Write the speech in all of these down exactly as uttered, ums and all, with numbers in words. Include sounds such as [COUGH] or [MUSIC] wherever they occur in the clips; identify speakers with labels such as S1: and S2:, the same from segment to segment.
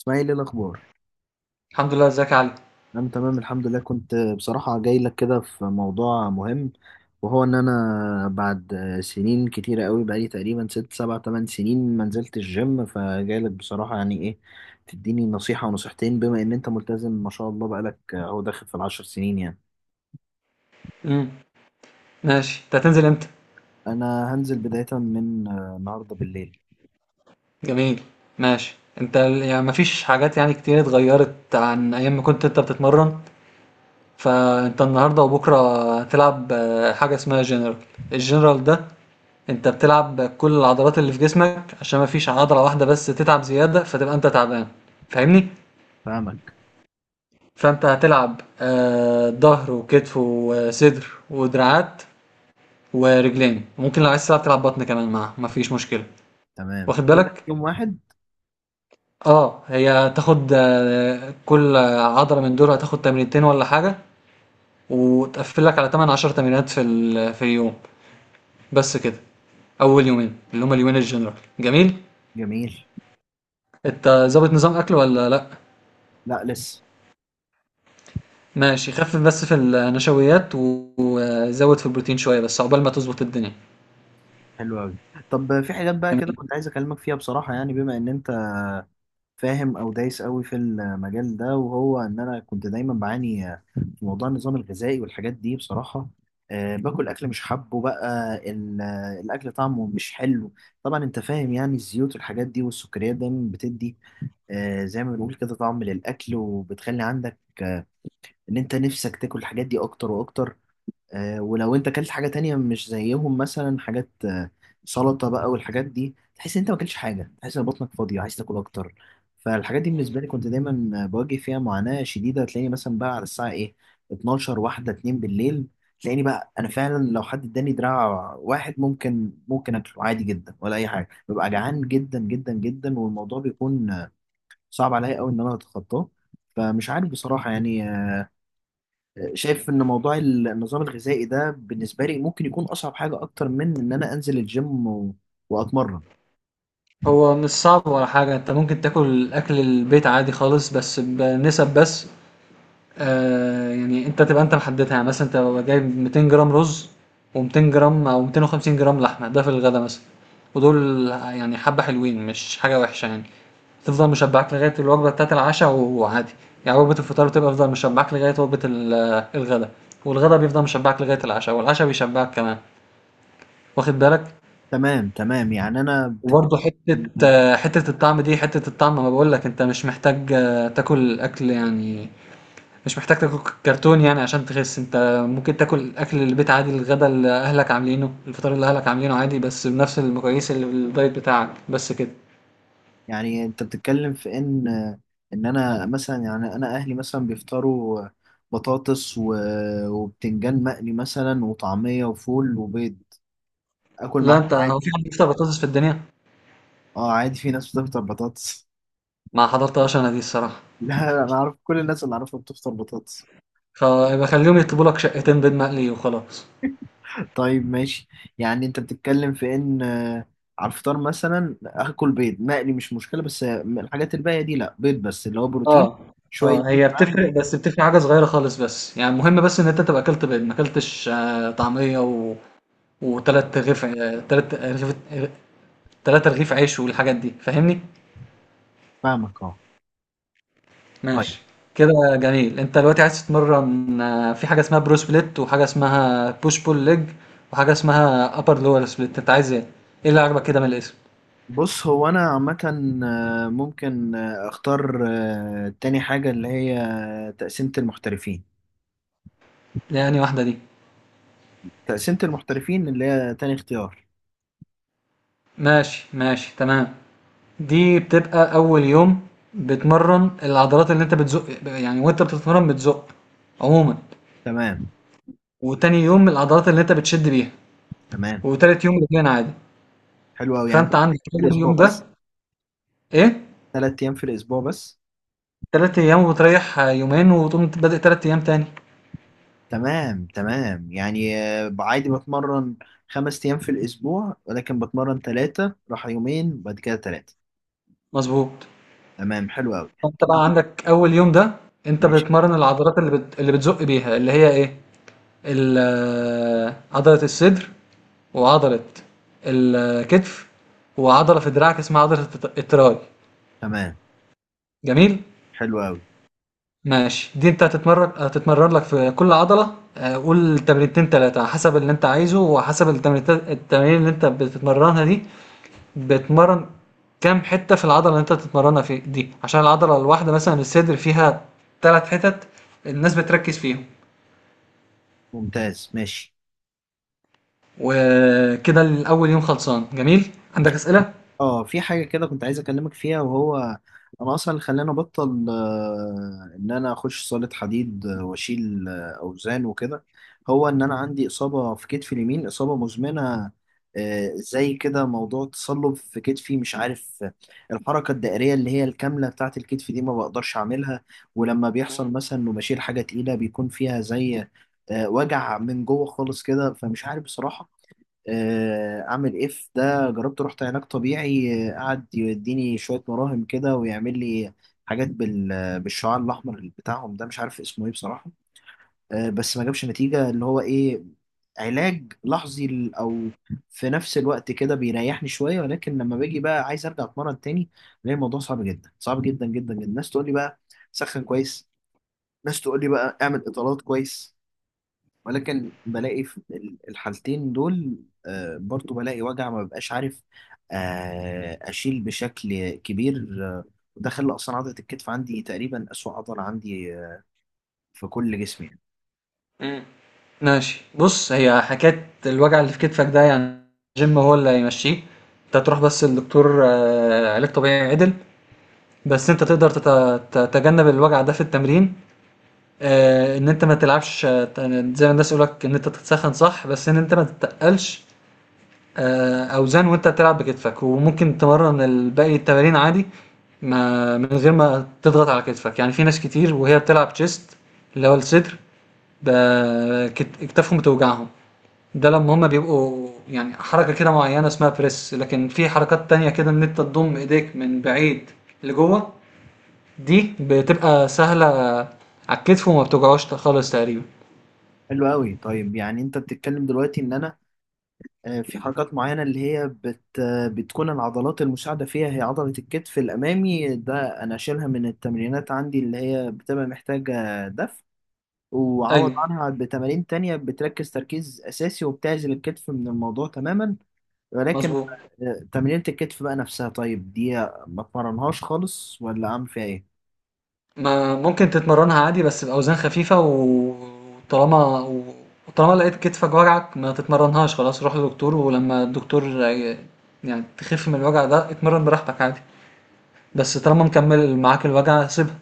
S1: اسماعيل ايه الاخبار؟
S2: الحمد لله، ازيك يا علي؟
S1: انا تمام الحمد لله. كنت بصراحه جاي لك كده في موضوع مهم، وهو ان انا بعد سنين كتيره قوي، بقالي تقريبا ست سبع تمن سنين ما نزلت الجيم، فجاي لك بصراحه يعني ايه، تديني نصيحه ونصيحتين بما ان انت ملتزم ما شاء الله، بقالك اهو داخل في العشر سنين يعني.
S2: امم ماشي، انت هتنزل امتى؟
S1: انا هنزل بدايه من آه، النهارده بالليل.
S2: جميل. ماشي. انت ال- يعني مفيش حاجات يعني كتير اتغيرت عن ايام ما كنت انت بتتمرن. فانت النهارده وبكره هتلعب آه، حاجه اسمها جنرال. الجنرال ده انت بتلعب كل العضلات اللي في جسمك، عشان مفيش عضله واحده بس تتعب زياده فتبقى انت تعبان. فاهمني؟
S1: فاهمك.
S2: فانت هتلعب آه، ظهر وكتف وصدر ودراعات ورجلين، ممكن لو عايز تلعب تلعب بطن كمان معاه مفيش مشكله.
S1: تمام،
S2: واخد
S1: كل ده في
S2: بالك؟
S1: يوم واحد؟
S2: آه، هي هتاخد آه، كل عضلة من دول هتاخد تمرينتين ولا حاجة، وتقفل لك على تمانية عشرة تمرينات في ال- في اليوم، بس كده. أول يومين اللي هما اليومين الجنرال. جميل.
S1: جميل.
S2: أنت ظابط نظام أكل ولا لأ؟
S1: لا لسه.
S2: ماشي، خفف بس في النشويات و- وزود في البروتين شوية، بس عقبال ما تظبط الدنيا.
S1: حلو قوي. طب في حاجات بقى كده
S2: جميل.
S1: كنت عايز اكلمك فيها بصراحه، يعني بما ان انت فاهم او دايس قوي في المجال ده، وهو ان انا كنت دايما بعاني في موضوع النظام الغذائي والحاجات دي بصراحه. أه باكل اكل مش حابه بقى ال- الاكل طعمه مش حلو. طبعا انت فاهم، يعني الزيوت والحاجات دي والسكريات دايما بتدي أه زي ما بنقول كده طعم للاكل، وبتخلي عندك ان انت نفسك تاكل الحاجات دي اكتر واكتر. آه، ولو انت اكلت حاجه تانية مش زيهم، مثلا حاجات آه، سلطه بقى والحاجات دي، تحس ان انت ما اكلتش حاجه، تحس ان بطنك فاضيه عايز تاكل اكتر. فالحاجات دي بالنسبه لي كنت دايما آه، بواجه فيها معاناه شديده. تلاقيني مثلا بقى على الساعه ايه، اتناشر واحده اتنين بالليل، تلاقيني بقى انا فعلا لو حد اداني دراع واحد، ممكن ممكن اكله عادي جدا ولا اي حاجه، ببقى جعان جدا جدا جدا، والموضوع بيكون آه، صعب عليا قوي ان انا اتخطاه. فمش عارف بصراحه يعني، شايف ان موضوع النظام الغذائي ده بالنسبه لي ممكن يكون اصعب حاجه، اكتر من ان انا انزل الجيم و... واتمرن.
S2: هو مش صعب ولا حاجة، أنت ممكن تاكل أكل البيت عادي خالص بس بنسب، بس آآ يعني أنت تبقى أنت محددها، يعني مثلًا أنت بابقى جايب ميتين جرام رز و200 جرام أو ميتين وخمسين جرام لحمة، ده في الغدا مثلًا، ودول يعني حبة حلوين مش حاجة وحشة يعني، تفضل مشبعاك لغاية الوجبة بتاعة العشا وعادي، يعني وجبة الفطار بتبقى تفضل مشبعاك لغاية وجبة ال الغدا، والغدا بيفضل مشبعاك لغاية العشا، والعشا بيشبعك كمان، واخد بالك؟
S1: تمام تمام، يعني انا بت...
S2: وبرضه حتة آه، حتة الطعم دي، حتة الطعم، ما باقول لك أنت مش محتاج آه، تاكل أكل يعني، مش محتاج تاكل كرتون يعني عشان تخس انت. ممكن تاكل اكل البيت عادي، الغدا اللي اهلك عاملينه، الفطار اللي اهلك عاملينه عادي، بس بنفس المقاييس اللي في الدايت بتاعك، بس كده.
S1: يعني انت بتتكلم في ان ان انا مثلا، يعني انا اهلي مثلا بيفطروا بطاطس و... وبتنجان مقلي مثلا، وطعميه وفول وبيض، اكل
S2: لا،
S1: معاهم
S2: انت، هو في
S1: عادي.
S2: حد بيفطر بطاطس في الدنيا؟
S1: اه عادي، في ناس بتفطر بطاطس.
S2: ما حضرتهاش انا دي الصراحه.
S1: [LAUGHS] لا انا اعرف كل الناس اللي اعرفها بتفطر بطاطس.
S2: خ- يبقى خليهم يطلبوا لك شقتين بيض مقلي وخلاص.
S1: طيب ماشي، يعني انت بتتكلم في ان آه، على الفطار مثلا اكل بيض مقلي مش مشكله، بس آه، الحاجات الباقيه دي لا، بيض بس اللي هو بروتين،
S2: اه.
S1: شويه
S2: اه
S1: زيت
S2: هي
S1: معاهم.
S2: بتفرق، بس بتفرق حاجه صغيره خالص، بس يعني المهم بس ان انت تبقى اكلت بيض، ما اكلتش آه، طعميه و... وتلات رغيف آه، تلات رغيف تلات رغيف عيش والحاجات دي. فاهمني؟
S1: فاهمك اه. طيب
S2: ماشي. كده جميل، انت دلوقتي عايز تتمرن آه، في حاجه اسمها برو سبليت، وحاجه اسمها بوش بول ليج، وحاجه اسمها ابر لور سبليت. انت عايز ايه؟ ايه اللي عجبك كده من الاسم؟
S1: بص هو انا عامه آه، ممكن آه، اختار آه، تاني حاجه اللي هي تقسيمه المحترفين.
S2: يعني واحده دي؟
S1: تقسيمه المحترفين اللي هي تاني اختيار.
S2: ماشي ماشي، تمام. دي بتبقى اول يوم، بتمرن العضلات اللي انت بتزق، يعني وانت بتتمرن بتزق عموما.
S1: تمام
S2: وتاني يوم العضلات اللي انت بتشد بيها.
S1: تمام.
S2: وتالت يوم رجلين عادي.
S1: حلو قوي، يعني
S2: فانت
S1: تلات أيام
S2: عندك
S1: في
S2: اول
S1: الاسبوع
S2: يوم ده،
S1: بس؟
S2: ايه،
S1: ثلاث ايام في الاسبوع بس؟
S2: تلات ايام وتريح آه، يومين وتقوم بادئ تلات ايام تاني.
S1: تمام تمام، يعني آه، عادي بتمرن خمس أيام في الأسبوع، ولكن بتمرن ثلاثة راح يومين وبعد كده ثلاثة.
S2: مضبوط.
S1: تمام حلو أوي.
S2: فأنت بقى
S1: طب
S2: عندك أول يوم ده، أنت
S1: ماشي.
S2: بتمرن العضلات اللي بت... اللي بتزق بيها، اللي هي إيه؟ ال- آه، عضلة الصدر، وعضلة الكتف، وعضلة في دراعك اسمها عضلة الت- التراي.
S1: تمام
S2: جميل؟
S1: حلو أوي.
S2: ماشي، دي انت هتتمرن، هتتمرن لك في كل عضلة آه، قول تمرينتين تلاتة، حسب اللي انت عايزه وحسب التمرينتين التمارين اللي انت بتتمرنها دي، بتمرن كام حتة في العضلة اللي أنت بتتمرنها في دي، عشان العضلة الواحدة مثلا الصدر فيها تلات حتت الناس بتركز فيهم.
S1: ممتاز ماشي.
S2: وكده الأول يوم خلصان، جميل؟ عندك أسئلة؟
S1: اه في حاجة كده كنت عايز أكلمك فيها، وهو أنا أصلا اللي خلاني أبطل آه، إن أنا أخش صالة حديد آه، وأشيل آه، أوزان وكده، هو إن أنا عندي إصابة في كتفي اليمين، إصابة مزمنة آه، زي كده موضوع تصلب في كتفي. مش عارف آه، الحركة الدائرية اللي هي الكاملة بتاعة الكتف دي ما بقدرش أعملها. ولما بيحصل مثلا إنه بشيل حاجة تقيلة، بيكون فيها زي آه، وجع من جوه خالص كده. فمش عارف بصراحة آه، اعمل ايه في ده. جربت رحت علاج طبيعي، آه، قعد يديني شويه مراهم كده ويعمل لي حاجات بال... بالشعاع الاحمر بتاعهم ده، مش عارف اسمه ايه بصراحه، آه، بس ما جابش نتيجه. اللي هو ايه، علاج لحظي ل- او في نفس الوقت كده بيريحني شويه، ولكن لما باجي بقى عايز ارجع اتمرن تاني، بلاقي الموضوع صعب جدا، صعب جدا جدا جدا. الناس تقول لي بقى سخن كويس، ناس تقول لي بقى اعمل اطالات كويس، ولكن بلاقي في ال- الحالتين دول آه، برضو بلاقي وجع، ما ببقاش عارف آه، أشيل بشكل كبير. آه، وده خلى أصلا عضلة الكتف عندي تقريبا أسوأ عضلة عندي آه، في كل جسمي يعني.
S2: مم. ماشي، بص، هي حكاية الوجع اللي في كتفك ده، يعني الجيم هو اللي هيمشيه. انت تروح بس للدكتور آه، علاج طبيعي عدل. بس انت تقدر تت- تتجنب الوجع ده في التمرين، آه، ان انت ما تلعبش، آه، زي ما الناس يقولك ان انت تتسخن صح، بس ان انت ما تتقلش آه، اوزان وانت بتلعب بكتفك. وممكن تمرن الباقي التمارين عادي، ما من غير ما تضغط على كتفك. يعني في ناس كتير وهي بتلعب تشيست، اللي هو الصدر، ب- كت- كتافهم بتوجعهم، ده لما هما بيبقوا يعني حركة كده معينة اسمها بريس، لكن في حركات تانية كده ان انت تضم ايديك من بعيد لجوه، دي بتبقى سهلة على الكتف وما بتوجعوش خالص تقريبا.
S1: حلو قوي. طيب يعني أنت بتتكلم دلوقتي إن أنا آه، في حركات معينة اللي هي بت آه، بتكون العضلات المساعدة فيها هي عضلة الكتف الأمامي، ده أنا أشيلها من التمرينات عندي اللي هي بتبقى محتاجة دفع، وعوض
S2: ايوه.
S1: عنها بتمارين تانية بتركز تركيز أساسي وبتعزل الكتف من الموضوع تماما. ولكن
S2: مظبوط.
S1: آه، تمرينة الكتف بقى نفسها طيب دي، ما اتمرنهاش خالص ولا أعمل فيها إيه؟
S2: ما ممكن تتمرنها عادي بس بأوزان خفيفة و- وطالما و- وطالما لقيت كتفك وجعك ما تتمرنهاش، خلاص روح لدكتور، ولما الدكتور ي- يعني تخف من الوجع ده اتمرن براحتك عادي. بس طالما مكمل معاك الوجع سيبها.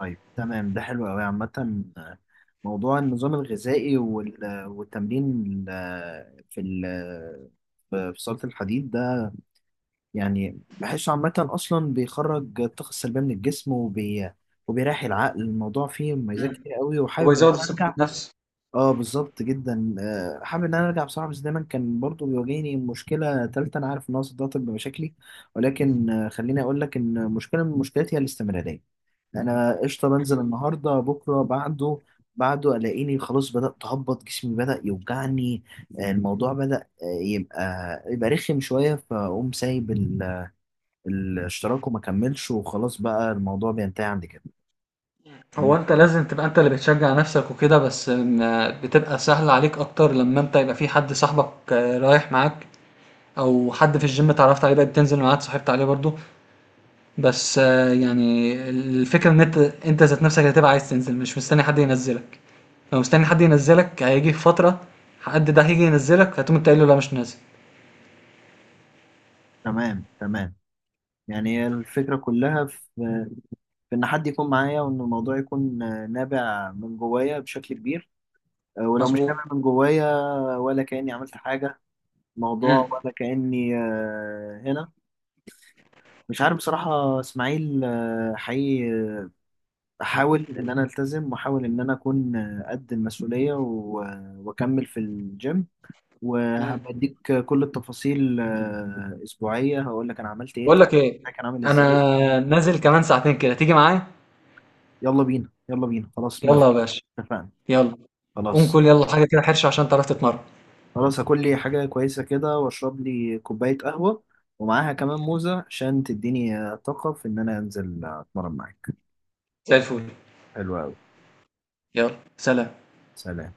S1: طيب تمام، ده حلو أوي. عامة آه، موضوع النظام الغذائي وال- آه، والتمرين ال- آه، في ال- آه، في في صالة الحديد ده، يعني بحسه عامة أصلا بيخرج الطاقة السلبية من الجسم، وبي وبيريح العقل. الموضوع فيه مميزات
S2: مم.
S1: كتير قوي
S2: هو
S1: وحابب إن
S2: يزود
S1: أنا
S2: الثقة
S1: أرجع.
S2: بالنفس.
S1: اه بالظبط جدا، آه، حابب ان انا ارجع بصراحه، بس دايما كان برضو بيواجهني مشكله تالته انا عارف انها صدعت بمشاكلي، ولكن آه، خليني اقول لك ان مشكله من المشكلات هي الاستمراريه. انا قشطه بنزل
S2: مم.
S1: النهارده بكره بعده، بعده الاقيني خلاص بدات اهبط، جسمي بدا يوجعني، آه، الموضوع بدا آه، يبقى يبقى رخم شويه، فاقوم سايب ال- الاشتراك وما كملش، وخلاص بقى الموضوع بينتهي عند كده. دي
S2: هو انت
S1: مشكلة.
S2: لازم تبقى انت اللي بتشجع نفسك وكده، بس ما- بتبقى سهل عليك اكتر لما انت يبقى في حد صاحبك آه، رايح معاك، او حد في الجيم اتعرفت عليه بقى بتنزل معاه اتصاحبت عليه برضو. بس آه، يعني الفكرة ان انت انت ذات نفسك هتبقى عايز تنزل، مش مستني حد ينزلك. لو مستني حد ينزلك هيجي في فترة حد ده هيجي ينزلك هتقوم انت قايل له لا مش نازل.
S1: تمام تمام، يعني هي الفكرة كلها في في ان حد يكون معايا، وان الموضوع يكون آه، نابع من جوايا بشكل كبير. آه، ولو مش
S2: مظبوط.
S1: نابع من جوايا، ولا كاني عملت حاجه
S2: امم
S1: موضوع، ولا كاني آه، هنا. مش عارف بصراحه اسماعيل، آه، حقيقي احاول ان انا التزم، واحاول ان انا اكون آه، قد المسؤوليه و- واكمل في الجيم،
S2: امم
S1: وهبديك كل التفاصيل آه، اسبوعيه هقول لك انا عملت ايه،
S2: بقول
S1: طب
S2: لك ايه،
S1: كان عامل ازاي.
S2: انا نازل كمان ساعتين كده، تيجي معايا؟
S1: يلا بينا يلا بينا، خلاص موافق،
S2: يلا يا باشا.
S1: اتفقنا.
S2: يلا، قوم
S1: خلاص.
S2: كل يلا حاجة كده حرشة عشان تعرف تتمرن.
S1: خلاص هاكل لي حاجة كويسة كده، واشرب لي كوباية قهوة، ومعاها كمان موزة عشان تديني آه، طاقة في ان انا انزل آه، اتمرن معاك.
S2: زي الفل.
S1: حلو اوي.
S2: يلا، سلام.
S1: سلام.